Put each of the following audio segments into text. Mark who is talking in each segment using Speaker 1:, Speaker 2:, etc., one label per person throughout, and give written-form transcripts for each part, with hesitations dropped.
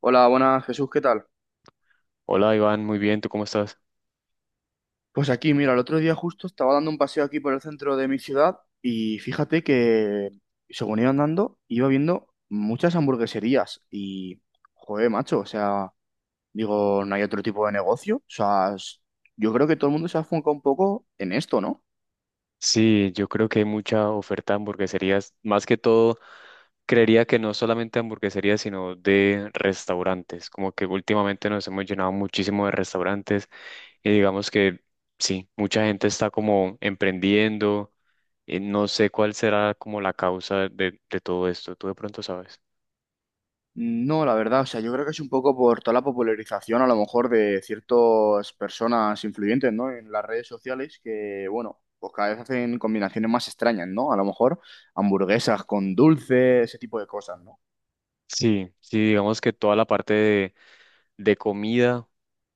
Speaker 1: Hola, buenas Jesús, ¿qué tal?
Speaker 2: Hola Iván, muy bien, ¿tú cómo estás?
Speaker 1: Pues aquí, mira, el otro día justo estaba dando un paseo aquí por el centro de mi ciudad y fíjate que según iba andando, iba viendo muchas hamburgueserías y, joder, macho, o sea, digo, no hay otro tipo de negocio. O sea, yo creo que todo el mundo se ha enfocado un poco en esto, ¿no?
Speaker 2: Sí, yo creo que hay mucha oferta de hamburgueserías, más que todo, creería que no solamente hamburgueserías, sino de restaurantes, como que últimamente nos hemos llenado muchísimo de restaurantes y digamos que sí, mucha gente está como emprendiendo, y no sé cuál será como la causa de todo esto, tú de pronto sabes.
Speaker 1: No, la verdad, o sea, yo creo que es un poco por toda la popularización a lo mejor de ciertas personas influyentes, ¿no? En las redes sociales que, bueno, pues cada vez hacen combinaciones más extrañas, ¿no? A lo mejor hamburguesas con dulce, ese tipo de cosas, ¿no?
Speaker 2: Sí, sí, digamos que toda la parte de comida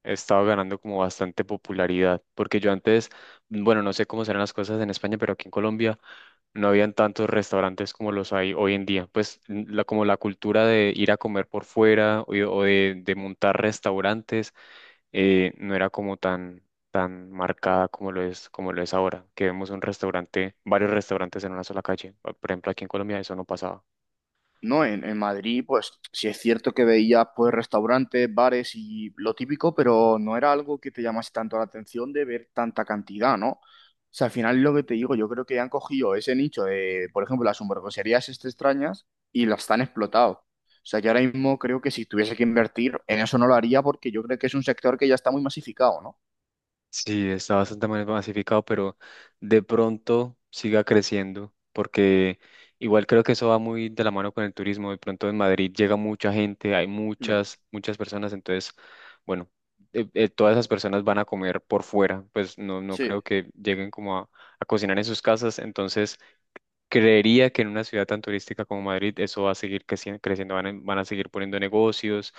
Speaker 2: he estado ganando como bastante popularidad, porque yo antes, bueno, no sé cómo serán las cosas en España, pero aquí en Colombia no habían tantos restaurantes como los hay hoy en día. Pues la, como la cultura de ir a comer por fuera o de montar restaurantes no era como tan, tan marcada como lo es ahora, que vemos un restaurante, varios restaurantes en una sola calle. Por ejemplo, aquí en Colombia eso no pasaba.
Speaker 1: No, en Madrid, pues sí es cierto que veías pues restaurantes, bares y lo típico, pero no era algo que te llamase tanto la atención de ver tanta cantidad, ¿no? O sea, al final lo que te digo, yo creo que han cogido ese nicho de, por ejemplo, las hamburgueserías este extrañas y las han explotado. O sea, yo ahora mismo creo que si tuviese que invertir en eso no lo haría porque yo creo que es un sector que ya está muy masificado, ¿no?
Speaker 2: Sí, está bastante masificado, pero de pronto siga creciendo, porque igual creo que eso va muy de la mano con el turismo. De pronto en Madrid llega mucha gente, hay
Speaker 1: Mm,
Speaker 2: muchas, muchas personas, entonces, bueno, todas esas personas van a comer por fuera, pues no, no creo
Speaker 1: sí,
Speaker 2: que lleguen como a cocinar en sus casas, entonces creería que en una ciudad tan turística como Madrid eso va a seguir creciendo, van a seguir poniendo negocios,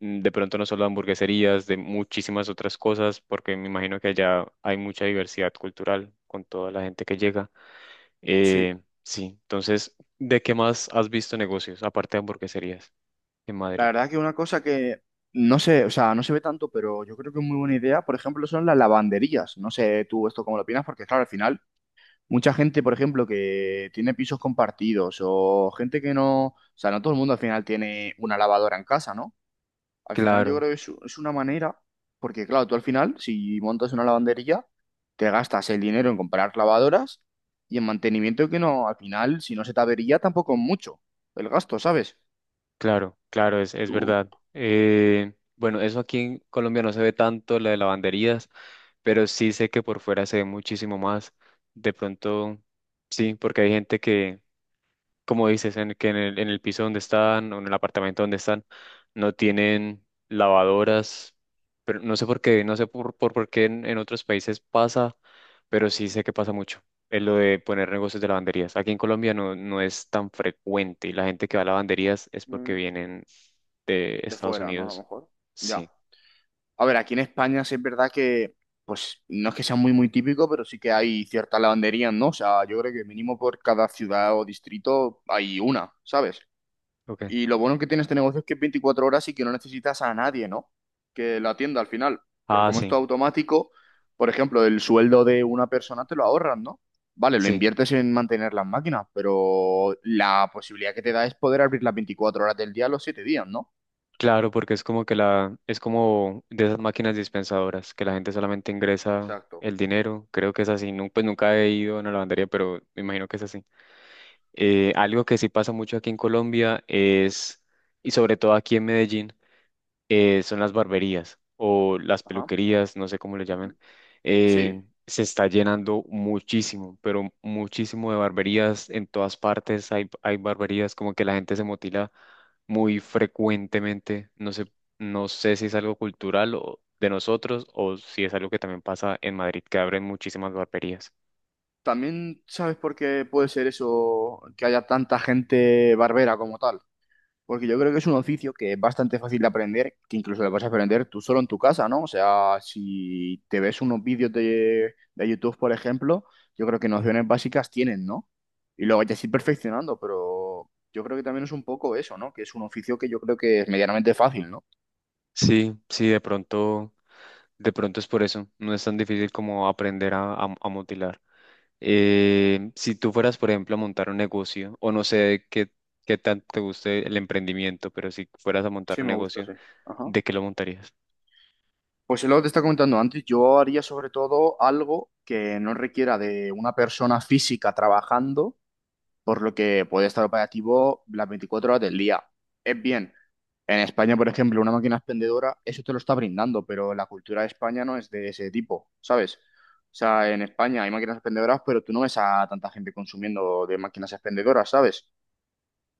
Speaker 2: mm, de pronto no solo hamburgueserías, de muchísimas otras cosas, porque me imagino que allá hay mucha diversidad cultural con toda la gente que llega.
Speaker 1: sí.
Speaker 2: Sí, entonces, ¿de qué más has visto negocios, aparte de hamburgueserías en
Speaker 1: La
Speaker 2: Madrid?
Speaker 1: verdad que una cosa que no sé, o sea, no se ve tanto, pero yo creo que es muy buena idea, por ejemplo, son las lavanderías. No sé tú esto cómo lo opinas, porque claro, al final, mucha gente, por ejemplo, que tiene pisos compartidos o gente que no, o sea, no todo el mundo al final tiene una lavadora en casa, ¿no? Al final yo
Speaker 2: Claro.
Speaker 1: creo que es una manera, porque claro, tú al final, si montas una lavandería, te gastas el dinero en comprar lavadoras y en mantenimiento que no, al final, si no se te avería, tampoco es mucho el gasto, ¿sabes?
Speaker 2: Claro, claro, es
Speaker 1: Tú...
Speaker 2: verdad. Bueno, eso aquí en Colombia no se ve tanto, la de lavanderías, pero sí sé que por fuera se ve muchísimo más. De pronto, sí, porque hay gente que, como dices, que en en el piso donde están o en el apartamento donde están, no tienen lavadoras, pero no sé por qué, no sé por qué en otros países pasa, pero sí sé que pasa mucho. Es lo de poner negocios de lavanderías. Aquí en Colombia no, no es tan frecuente y la gente que va a lavanderías es porque vienen de
Speaker 1: de
Speaker 2: Estados
Speaker 1: fuera, ¿no? A lo
Speaker 2: Unidos.
Speaker 1: mejor. Ya.
Speaker 2: Sí.
Speaker 1: A ver, aquí en España sí es verdad que, pues, no es que sea muy, muy típico, pero sí que hay ciertas lavanderías, ¿no? O sea, yo creo que mínimo por cada ciudad o distrito hay una, ¿sabes?
Speaker 2: Okay.
Speaker 1: Y lo bueno que tiene este negocio es que es 24 horas y que no necesitas a nadie, ¿no? Que la atienda al final. Porque
Speaker 2: Ah,
Speaker 1: como esto es todo
Speaker 2: sí,
Speaker 1: automático, por ejemplo, el sueldo de una persona te lo ahorras, ¿no? Vale, lo
Speaker 2: sí.
Speaker 1: inviertes en mantener las máquinas, pero la posibilidad que te da es poder abrir las 24 horas del día los 7 días, ¿no?
Speaker 2: Claro, porque es como que la, es como de esas máquinas dispensadoras, que la gente solamente ingresa
Speaker 1: Exacto.
Speaker 2: el dinero. Creo que es así. Pues nunca he ido a una lavandería, pero me imagino que es así. Algo que sí pasa mucho aquí en Colombia es, y sobre todo aquí en Medellín son las barberías o las
Speaker 1: Ajá.
Speaker 2: peluquerías, no sé cómo le llamen,
Speaker 1: Ujú. Sí,
Speaker 2: eh, se está llenando muchísimo, pero muchísimo de barberías en todas partes. Hay barberías como que la gente se motila muy frecuentemente. No sé, no sé si es algo cultural o de nosotros o si es algo que también pasa en Madrid, que abren muchísimas barberías.
Speaker 1: también sabes por qué puede ser eso, que haya tanta gente barbera como tal. Porque yo creo que es un oficio que es bastante fácil de aprender, que incluso lo vas a aprender tú solo en tu casa, ¿no? O sea, si te ves unos vídeos de YouTube, por ejemplo, yo creo que nociones básicas tienen, ¿no? Y luego ya ir perfeccionando, pero yo creo que también es un poco eso, ¿no? Que es un oficio que yo creo que es medianamente fácil, ¿no?
Speaker 2: Sí, sí, de pronto es por eso. No es tan difícil como aprender a mutilar. Si tú fueras, por ejemplo, a montar un negocio, o no sé qué, qué tanto te guste el emprendimiento, pero si fueras a montar
Speaker 1: Sí,
Speaker 2: un
Speaker 1: me gusta,
Speaker 2: negocio,
Speaker 1: sí. Ajá.
Speaker 2: ¿de qué lo montarías?
Speaker 1: Pues es lo que te está comentando antes, yo haría sobre todo algo que no requiera de una persona física trabajando, por lo que puede estar operativo las 24 horas del día. Es bien, en España, por ejemplo, una máquina expendedora, eso te lo está brindando, pero la cultura de España no es de ese tipo, ¿sabes? O sea, en España hay máquinas expendedoras, pero tú no ves a tanta gente consumiendo de máquinas expendedoras, ¿sabes?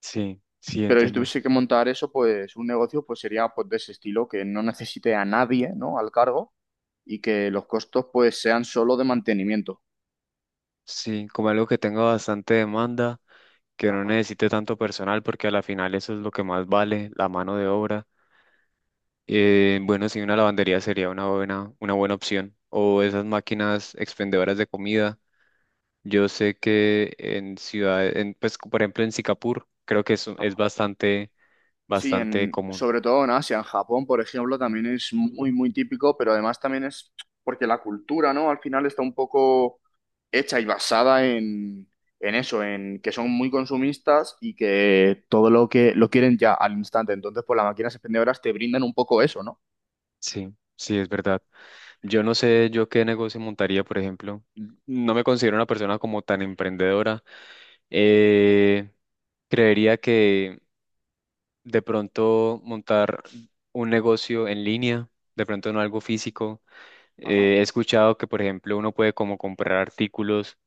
Speaker 2: Sí, sí,
Speaker 1: Pero si
Speaker 2: entiendo.
Speaker 1: tuviese que montar eso, pues un negocio pues sería pues de ese estilo, que no necesite a nadie, ¿no? Al cargo y que los costos pues sean solo de mantenimiento.
Speaker 2: Sí, como algo que tenga bastante demanda, que no
Speaker 1: Ajá,
Speaker 2: necesite tanto personal, porque a la final eso es lo que más vale, la mano de obra. Bueno, sí, una lavandería sería una buena opción. O esas máquinas expendedoras de comida. Yo sé que en ciudades, en, pues, por ejemplo, en Singapur, creo que es
Speaker 1: ajá.
Speaker 2: bastante,
Speaker 1: Sí,
Speaker 2: bastante
Speaker 1: en,
Speaker 2: común.
Speaker 1: sobre todo en Asia, en Japón, por ejemplo, también es muy, muy típico, pero además también es porque la cultura, ¿no? Al final está un poco hecha y basada en eso, en que son muy consumistas y que todo lo que lo quieren ya al instante. Entonces, pues las máquinas expendedoras te brindan un poco eso, ¿no?
Speaker 2: Sí, sí, es verdad. Yo no sé yo qué negocio montaría, por ejemplo. No me considero una persona como tan emprendedora. Eh, Creería que de pronto montar un negocio en línea, de pronto no algo físico.
Speaker 1: Ajá,
Speaker 2: He escuchado que, por ejemplo, uno puede como comprar artículos,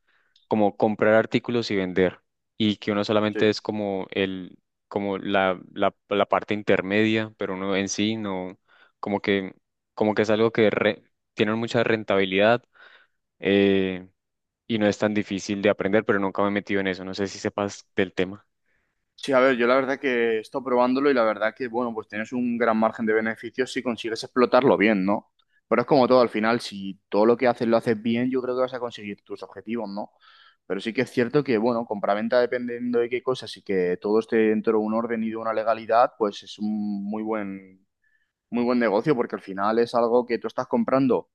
Speaker 2: como comprar artículos y vender, y que uno
Speaker 1: sí.
Speaker 2: solamente es como el, como la, la parte intermedia, pero uno en sí no, como que, como que es algo que tiene mucha rentabilidad, eh, y no es tan difícil de aprender, pero nunca me he metido en eso, no sé si sepas del tema.
Speaker 1: Sí, a ver, yo la verdad que he estado probándolo y la verdad que, bueno, pues tienes un gran margen de beneficios si consigues explotarlo bien, ¿no? Pero es como todo, al final, si todo lo que haces lo haces bien, yo creo que vas a conseguir tus objetivos, ¿no? Pero sí que es cierto que, bueno, compraventa dependiendo de qué cosas y que todo esté dentro de un orden y de una legalidad, pues es un muy buen negocio porque al final es algo que tú estás comprando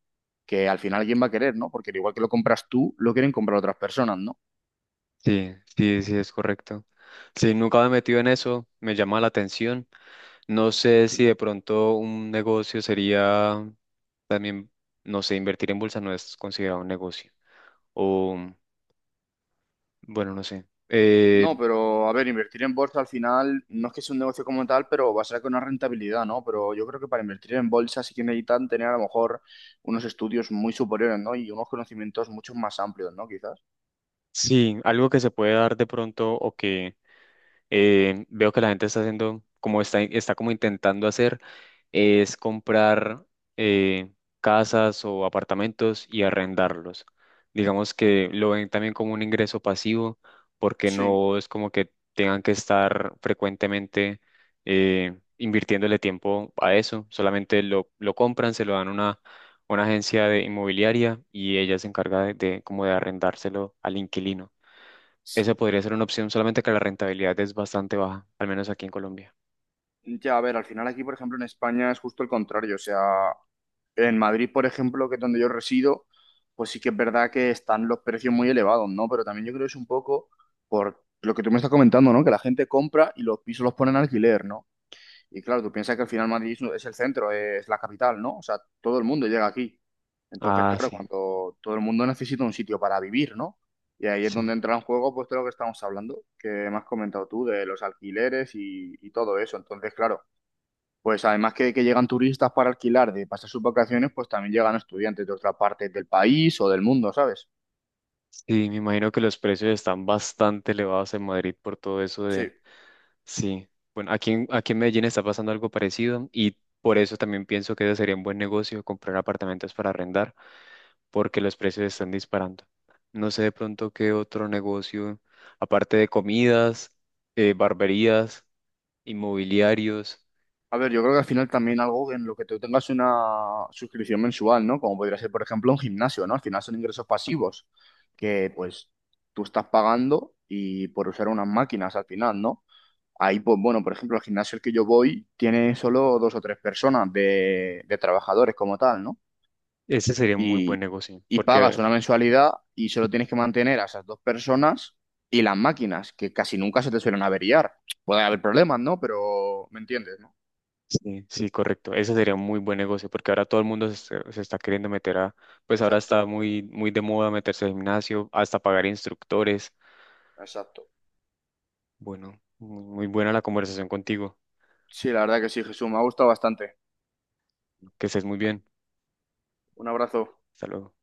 Speaker 1: que al final quién va a querer, ¿no? Porque al igual que lo compras tú, lo quieren comprar otras personas, ¿no?
Speaker 2: Sí, sí, sí, es correcto. Sí, nunca me he metido en eso, me llama la atención. No sé si de pronto un negocio sería también, no sé, invertir en bolsa no es considerado un negocio. O bueno, no sé.
Speaker 1: No, pero a ver, invertir en bolsa al final no es que sea un negocio como tal, pero va a ser con una rentabilidad, ¿no? Pero yo creo que para invertir en bolsa sí que necesitan tener a lo mejor unos estudios muy superiores, ¿no? Y unos conocimientos mucho más amplios, ¿no? Quizás.
Speaker 2: Sí, algo que se puede dar de pronto o que veo que la gente está haciendo, como está, está como intentando hacer, es comprar eh, casas o apartamentos y arrendarlos. Digamos que lo ven también como un ingreso pasivo, porque
Speaker 1: Sí.
Speaker 2: no es como que tengan que estar frecuentemente invirtiéndole tiempo a eso. Solamente lo compran, se lo dan a una agencia de inmobiliaria y ella se encarga de como de arrendárselo al inquilino.
Speaker 1: S-
Speaker 2: Esa podría ser una opción, solamente que la rentabilidad es bastante baja, al menos aquí en Colombia.
Speaker 1: Ya, a ver, al final aquí, por ejemplo, en España es justo el contrario. O sea, en Madrid, por ejemplo, que es donde yo resido, pues sí que es verdad que están los precios muy elevados, ¿no? Pero también yo creo que es un poco por lo que tú me estás comentando, ¿no? Que la gente compra y los pisos los ponen a alquiler, ¿no? Y claro, tú piensas que al final Madrid es el centro, es la capital, ¿no? O sea, todo el mundo llega aquí. Entonces,
Speaker 2: Ah,
Speaker 1: claro,
Speaker 2: sí,
Speaker 1: cuando todo el mundo necesita un sitio para vivir, ¿no? Y ahí es
Speaker 2: sí.
Speaker 1: donde entra en juego, pues, todo lo que estamos hablando, que me has comentado tú, de los alquileres y todo eso. Entonces, claro, pues además que llegan turistas para alquilar, de pasar sus vacaciones, pues también llegan estudiantes de otras partes del país o del mundo, ¿sabes?
Speaker 2: Sí, me imagino que los precios están bastante elevados en Madrid por todo eso
Speaker 1: Sí.
Speaker 2: de... Sí, bueno, aquí en Medellín está pasando algo parecido y por eso también pienso que ese sería un buen negocio comprar apartamentos para arrendar, porque los precios están disparando. No sé de pronto qué otro negocio, aparte de comidas, barberías, inmobiliarios,
Speaker 1: A ver, yo creo que al final también algo en lo que tú tengas una suscripción mensual, ¿no? Como podría ser, por ejemplo, un gimnasio, ¿no? Al final son ingresos pasivos que, pues, tú estás pagando y por usar unas máquinas al final, ¿no? Ahí, pues, bueno, por ejemplo, el gimnasio al que yo voy tiene solo dos o tres personas de trabajadores como tal, ¿no?
Speaker 2: ese sería un muy buen
Speaker 1: Y,
Speaker 2: negocio,
Speaker 1: y pagas
Speaker 2: porque...
Speaker 1: una mensualidad y solo tienes que mantener a esas dos personas y las máquinas, que casi nunca se te suelen averiar. Puede haber problemas, ¿no? Pero, ¿me entiendes, no?
Speaker 2: Sí, sí, correcto. Ese sería un muy buen negocio porque ahora todo el mundo se, está, se está queriendo meter a, pues ahora está
Speaker 1: Exacto.
Speaker 2: muy, muy de moda meterse al gimnasio, hasta pagar instructores.
Speaker 1: Exacto.
Speaker 2: Bueno, muy muy buena la conversación contigo.
Speaker 1: Sí, la verdad que sí, Jesús, me ha gustado bastante.
Speaker 2: Que estés muy bien.
Speaker 1: Un abrazo.
Speaker 2: Hasta luego.